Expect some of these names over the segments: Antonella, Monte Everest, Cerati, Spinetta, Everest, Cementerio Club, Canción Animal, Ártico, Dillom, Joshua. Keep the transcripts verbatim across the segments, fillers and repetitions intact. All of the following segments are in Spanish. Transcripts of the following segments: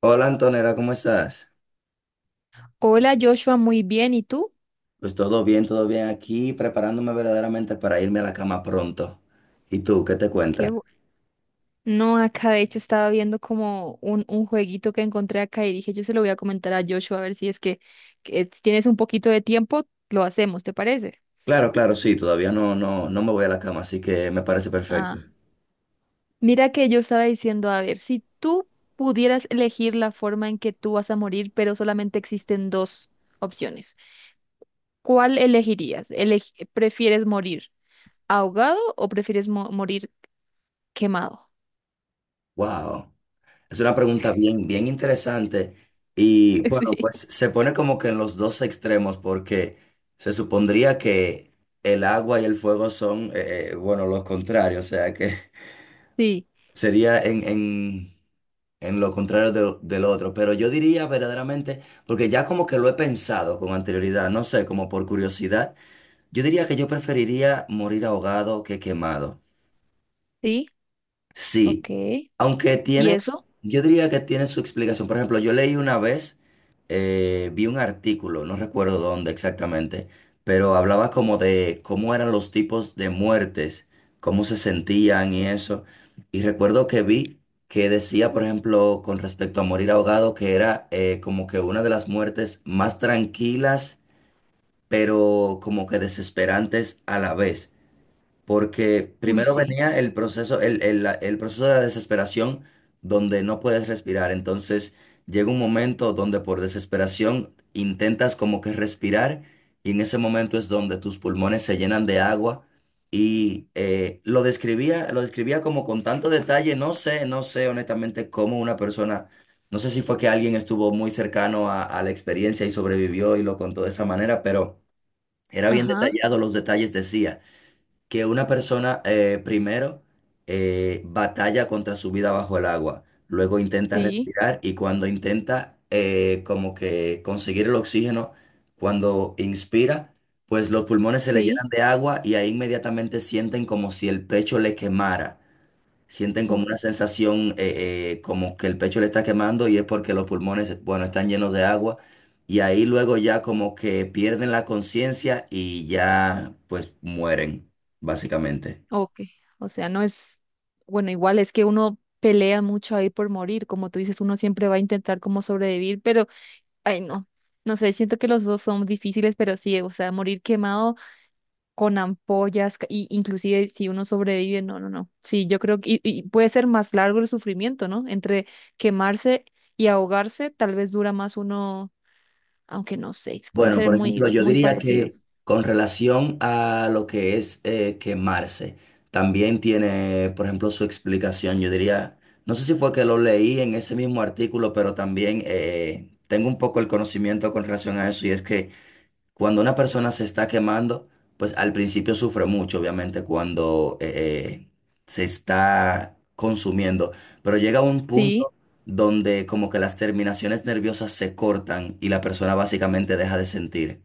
Hola Antonella, ¿cómo estás? Hola Joshua, muy bien. ¿Y tú? Pues todo bien, todo bien aquí, preparándome verdaderamente para irme a la cama pronto. ¿Y tú, qué te Qué cuentas? bu- No, acá de hecho estaba viendo como un, un jueguito que encontré acá y dije, yo se lo voy a comentar a Joshua a ver si es que, que tienes un poquito de tiempo, lo hacemos, ¿te parece? Claro, claro, sí, todavía no, no, no me voy a la cama, así que me parece perfecto. Ah, mira que yo estaba diciendo, a ver, si tú pudieras elegir la forma en que tú vas a morir, pero solamente existen dos opciones, ¿cuál elegirías? Elegi- ¿prefieres morir ahogado o prefieres mo- morir quemado? Wow, es una pregunta bien, bien interesante y bueno, pues se pone como que en los dos extremos porque se supondría que el agua y el fuego son, eh, eh, bueno, los contrarios, o sea que Sí, sí, sería en, en en lo contrario de- del otro, pero yo diría verdaderamente, porque ya como que lo he pensado con anterioridad, no sé, como por curiosidad, yo diría que yo preferiría morir ahogado que quemado. sí, Sí, ok. aunque ¿Y tiene, eso? yo diría que tiene su explicación. Por ejemplo, yo leí una vez, eh, vi un artículo, no recuerdo dónde exactamente, pero hablaba como de cómo eran los tipos de muertes, cómo se sentían y eso. Y recuerdo que vi que decía, por ejemplo, con respecto a morir ahogado, que era eh, como que una de las muertes más tranquilas, pero como que desesperantes a la vez. Porque Uy, primero sí. venía el proceso, el, el- la- el proceso de la desesperación donde no puedes respirar. Entonces llega un momento donde por desesperación intentas como que respirar y en ese momento es donde tus pulmones se llenan de agua. Y eh, lo describía, lo describía como con tanto detalle, no sé, no sé honestamente cómo una persona, no sé si fue que alguien estuvo muy cercano a a la experiencia y sobrevivió y lo contó de esa manera, pero era bien Ajá, detallado, los detalles decía que una persona eh, primero eh, batalla contra su vida bajo el agua, luego intenta sí, respirar y cuando intenta eh, como que conseguir el oxígeno, cuando inspira, pues los pulmones se le sí, llenan de agua y ahí inmediatamente sienten como si el pecho le quemara. Sienten como una uf, sensación eh, eh, como que el pecho le está quemando y es porque los pulmones, bueno, están llenos de agua. Y ahí luego ya como que pierden la conciencia y ya pues mueren, básicamente. ok. O sea, no es, bueno, igual es que uno pelea mucho ahí por morir, como tú dices, uno siempre va a intentar como sobrevivir, pero, ay, no, no sé, siento que los dos son difíciles, pero sí, o sea, morir quemado con ampollas, ca- y inclusive si uno sobrevive, no, no, no. Sí, yo creo que y, y puede ser más largo el sufrimiento, ¿no? Entre quemarse y ahogarse, tal vez dura más uno, aunque no sé, puede Bueno, ser por muy, ejemplo, yo muy diría parecido. que con relación a lo que es eh, quemarse, también tiene, por ejemplo, su explicación. Yo diría, no sé si fue que lo leí en ese mismo artículo, pero también eh, tengo un poco el conocimiento con relación a eso y es que cuando una persona se está quemando, pues al principio sufre mucho, obviamente, cuando eh, eh, se está consumiendo, pero llega un Sí. punto donde como que las terminaciones nerviosas se cortan y la persona básicamente deja de sentir.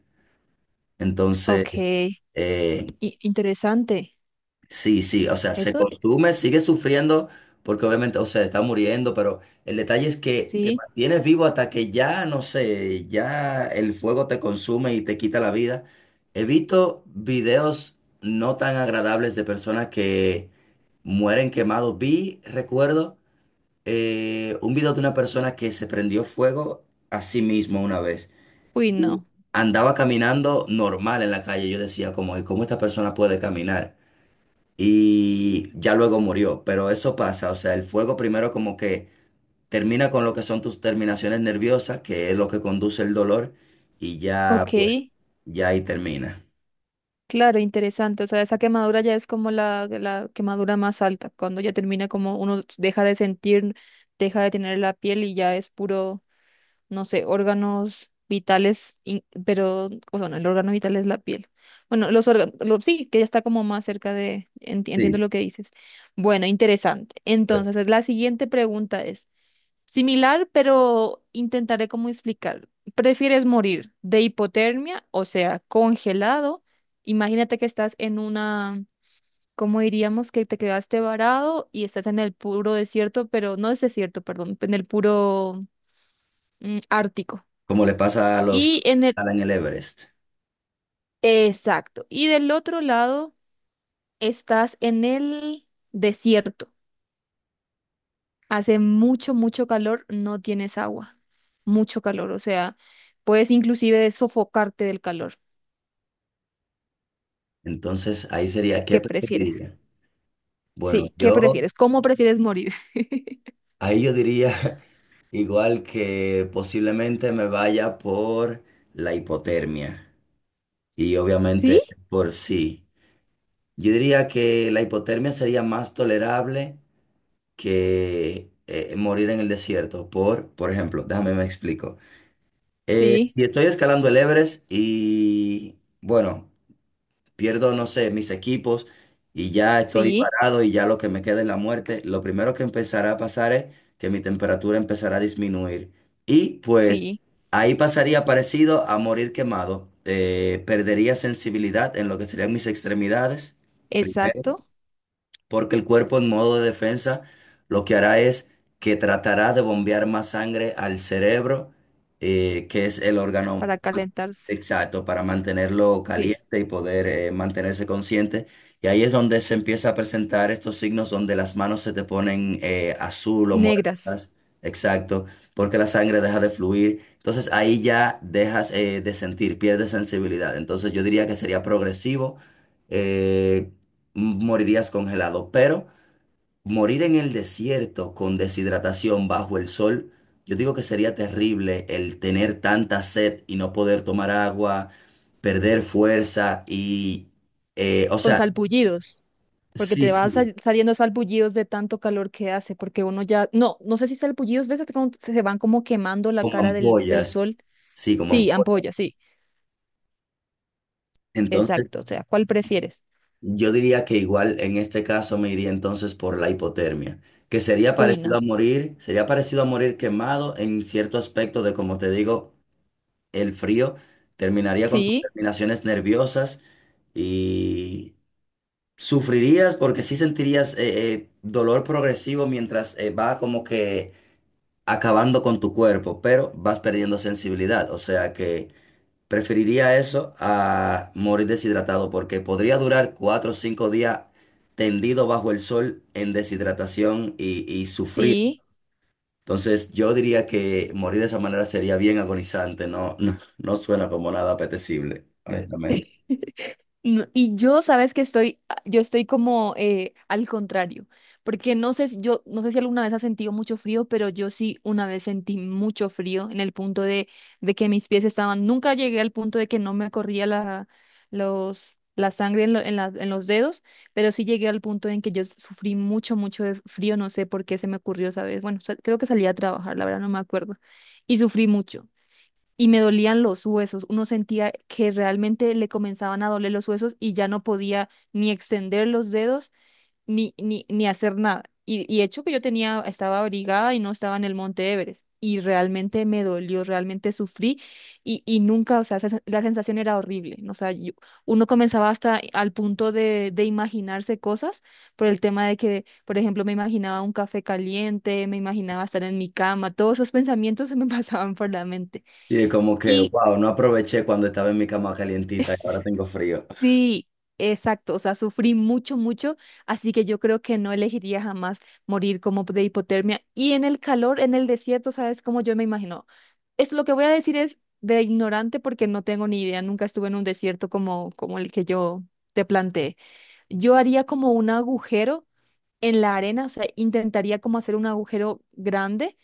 Ok, Entonces, i- eh, interesante. sí, sí, o sea, se Eso eh, consume, sigue sufriendo, porque obviamente, o sea, está muriendo, pero el detalle es que te sí, mantienes vivo hasta que ya, no sé, ya el fuego te consume y te quita la vida. He visto videos no tan agradables de personas que mueren quemados. Vi, recuerdo, eh, un video de una persona que se prendió fuego a sí mismo una vez. uy, Y no. andaba caminando normal en la calle. Yo decía, como, ¿y cómo esta persona puede caminar? Y ya luego murió. Pero eso pasa, o sea, el fuego primero como que termina con lo que son tus terminaciones nerviosas, que es lo que conduce el dolor, y ya Ok, pues, ya ahí termina. claro, interesante. O sea, esa quemadura ya es como la, la quemadura más alta, cuando ya termina como uno deja de sentir, deja de tener la piel y ya es puro, no sé, órganos vitales, in- pero, o sea, no, el órgano vital es la piel. Bueno, los órganos, sí, que ya está como más cerca de, enti- entiendo Sí. lo que dices. Bueno, interesante. Entonces, la siguiente pregunta es... Similar, pero intentaré como explicar. ¿Prefieres morir de hipotermia, o sea, congelado? Imagínate que estás en una, ¿cómo diríamos? Que te quedaste varado y estás en el puro desierto, pero no es desierto, perdón, en el puro mm, Ártico. Como le pasa a los que Y en el, escalan en el Everest. exacto. Y del otro lado, estás en el desierto. Hace mucho, mucho calor, no tienes agua. Mucho calor, o sea, puedes inclusive sofocarte del calor. Entonces ahí sería, ¿qué ¿Qué prefieres? preferiría? Bueno, Sí, ¿qué yo, prefieres? ¿Cómo prefieres morir? ahí yo diría igual que posiblemente me vaya por la hipotermia y obviamente ¿Sí? por sí. Yo diría que la hipotermia sería más tolerable que eh, morir en el desierto por, por ejemplo, déjame me explico. Eh, Sí, Si estoy escalando el Everest y, bueno, pierdo, no sé, mis equipos y ya estoy sí, parado y ya lo que me queda es la muerte, lo primero que empezará a pasar es que mi temperatura empezará a disminuir. Y pues sí, ahí pasaría parecido a morir quemado. Eh, perdería sensibilidad en lo que serían mis extremidades. Primero exacto, porque el cuerpo en modo de defensa lo que hará es que tratará de bombear más sangre al cerebro, eh, que es el órgano. para calentarse. Exacto, para mantenerlo Sí, caliente y poder eh, mantenerse consciente. Y ahí es donde se empieza a presentar estos signos donde las manos se te ponen eh, azul o negras, moradas. Exacto, porque la sangre deja de fluir. Entonces ahí ya dejas eh, de sentir, pierdes sensibilidad. Entonces yo diría que sería progresivo, eh, m- morirías congelado, pero... Morir en el desierto con deshidratación bajo el sol, yo digo que sería terrible el tener tanta sed y no poder tomar agua, perder fuerza y, eh, o con sea, salpullidos, porque sí, te vas sí, sal- saliendo salpullidos de tanto calor que hace, porque uno ya, no, no sé si salpullidos, ¿ves? Como se se van como quemando la como cara del, del ampollas, sol. sí, como Sí, ampollas. ampolla, sí, Entonces, exacto, o sea, ¿cuál prefieres? yo diría que igual en este caso me iría entonces por la hipotermia, que sería Uy, parecido a no, morir, sería parecido a morir quemado en cierto aspecto de, como te digo, el frío terminaría con tus sí, terminaciones nerviosas y sufrirías porque sí sentirías eh, eh, dolor progresivo mientras eh, va como que acabando con tu cuerpo, pero vas perdiendo sensibilidad. O sea que preferiría eso a morir deshidratado porque podría durar cuatro o cinco días tendido bajo el sol en deshidratación y, y sufrir. sí. Entonces yo diría que morir de esa manera sería bien agonizante, no, no, no suena como nada apetecible, honestamente. No, y yo, sabes que estoy, a- yo estoy como eh, al contrario, porque no sé si yo, no sé si alguna vez has sentido mucho frío, pero yo sí una vez sentí mucho frío en el punto de, de que mis pies estaban, nunca llegué al punto de que no me corría la, los, la sangre en, lo- en la- en los dedos, pero sí llegué al punto en que yo sufrí mucho, mucho de frío, no sé por qué se me ocurrió esa vez, bueno, sa- creo que salí a trabajar, la verdad no me acuerdo, y sufrí mucho y me dolían los huesos. Uno sentía que realmente le comenzaban a doler los huesos y ya no podía ni extender los dedos ni, ni, ni hacer nada. Y, y hecho que yo tenía, estaba abrigada y no estaba en el Monte Everest. Y realmente me dolió, realmente sufrí y, y nunca, o sea, esa la sensación era horrible. ¿No? O sea, yo- uno comenzaba hasta al punto de, de imaginarse cosas por el tema de que, por ejemplo, me imaginaba un café caliente, me imaginaba estar en mi cama, todos esos pensamientos se me pasaban por la mente. Y es como que, Y wow, no aproveché cuando estaba en mi cama calientita y ahora tengo frío. Sí, exacto. O sea, sufrí mucho, mucho, así que yo creo que no elegiría jamás morir como de hipotermia. Y en el calor, en el desierto, ¿sabes cómo yo me imagino? Esto lo que voy a decir es de ignorante porque no tengo ni idea. Nunca estuve en un desierto como, como el que yo te planteé. Yo haría como un agujero en la arena, o sea, intentaría como hacer un agujero grande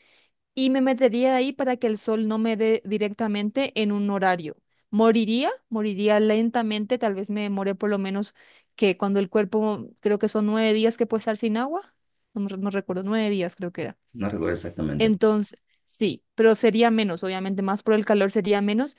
y me metería ahí para que el sol no me dé directamente en un horario. Moriría, moriría lentamente, tal vez me demore por lo menos que cuando el cuerpo, creo que son nueve días que puede estar sin agua, no, me- no recuerdo, nueve días creo que era. No recuerdo exactamente. Entonces, sí, pero sería menos, obviamente más por el calor sería menos,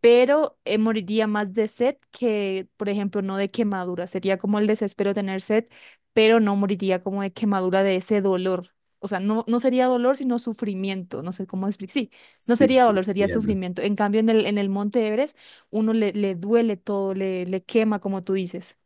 pero eh, moriría más de sed que, por ejemplo, no de quemadura. Sería como el desespero tener sed, pero no moriría como de quemadura de ese dolor. O sea, no, no sería dolor, sino sufrimiento. No sé cómo explicar. Sí, no Sí, sería sí, dolor, sería bien. sufrimiento. En cambio, en el, en el Monte Everest, uno le, le duele todo, le, le quema, como tú dices.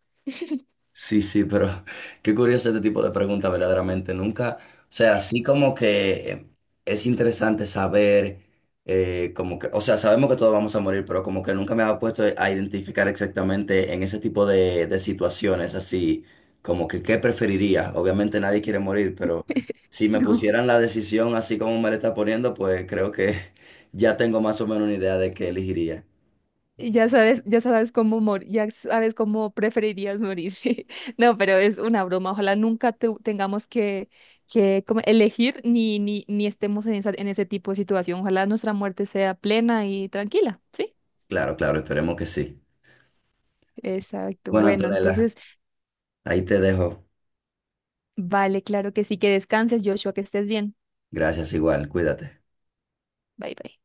Sí, sí, pero qué curioso este tipo de preguntas, verdaderamente. Nunca, o sea, así como que eh, es interesante saber, eh, como que, o sea, sabemos que todos vamos a morir, pero como que nunca me había puesto a identificar exactamente en ese tipo de, de situaciones, así como que qué preferiría. Obviamente nadie quiere morir, pero si me pusieran la decisión así como me la está poniendo, pues creo que ya tengo más o menos una idea de qué elegiría. Y Ya sabes, ya sabes cómo morir, ya sabes cómo preferirías morir. Sí. No, pero es una broma. Ojalá nunca tu- tengamos que, que como elegir ni, ni, ni estemos en esa, en ese tipo de situación. Ojalá nuestra muerte sea plena y tranquila, ¿sí? Claro, claro, esperemos que sí. Exacto. Bueno, Bueno, Antonella, entonces, ahí te dejo. vale, claro que sí, que descanses, Joshua, que estés bien. Gracias igual, cuídate. Bye, bye.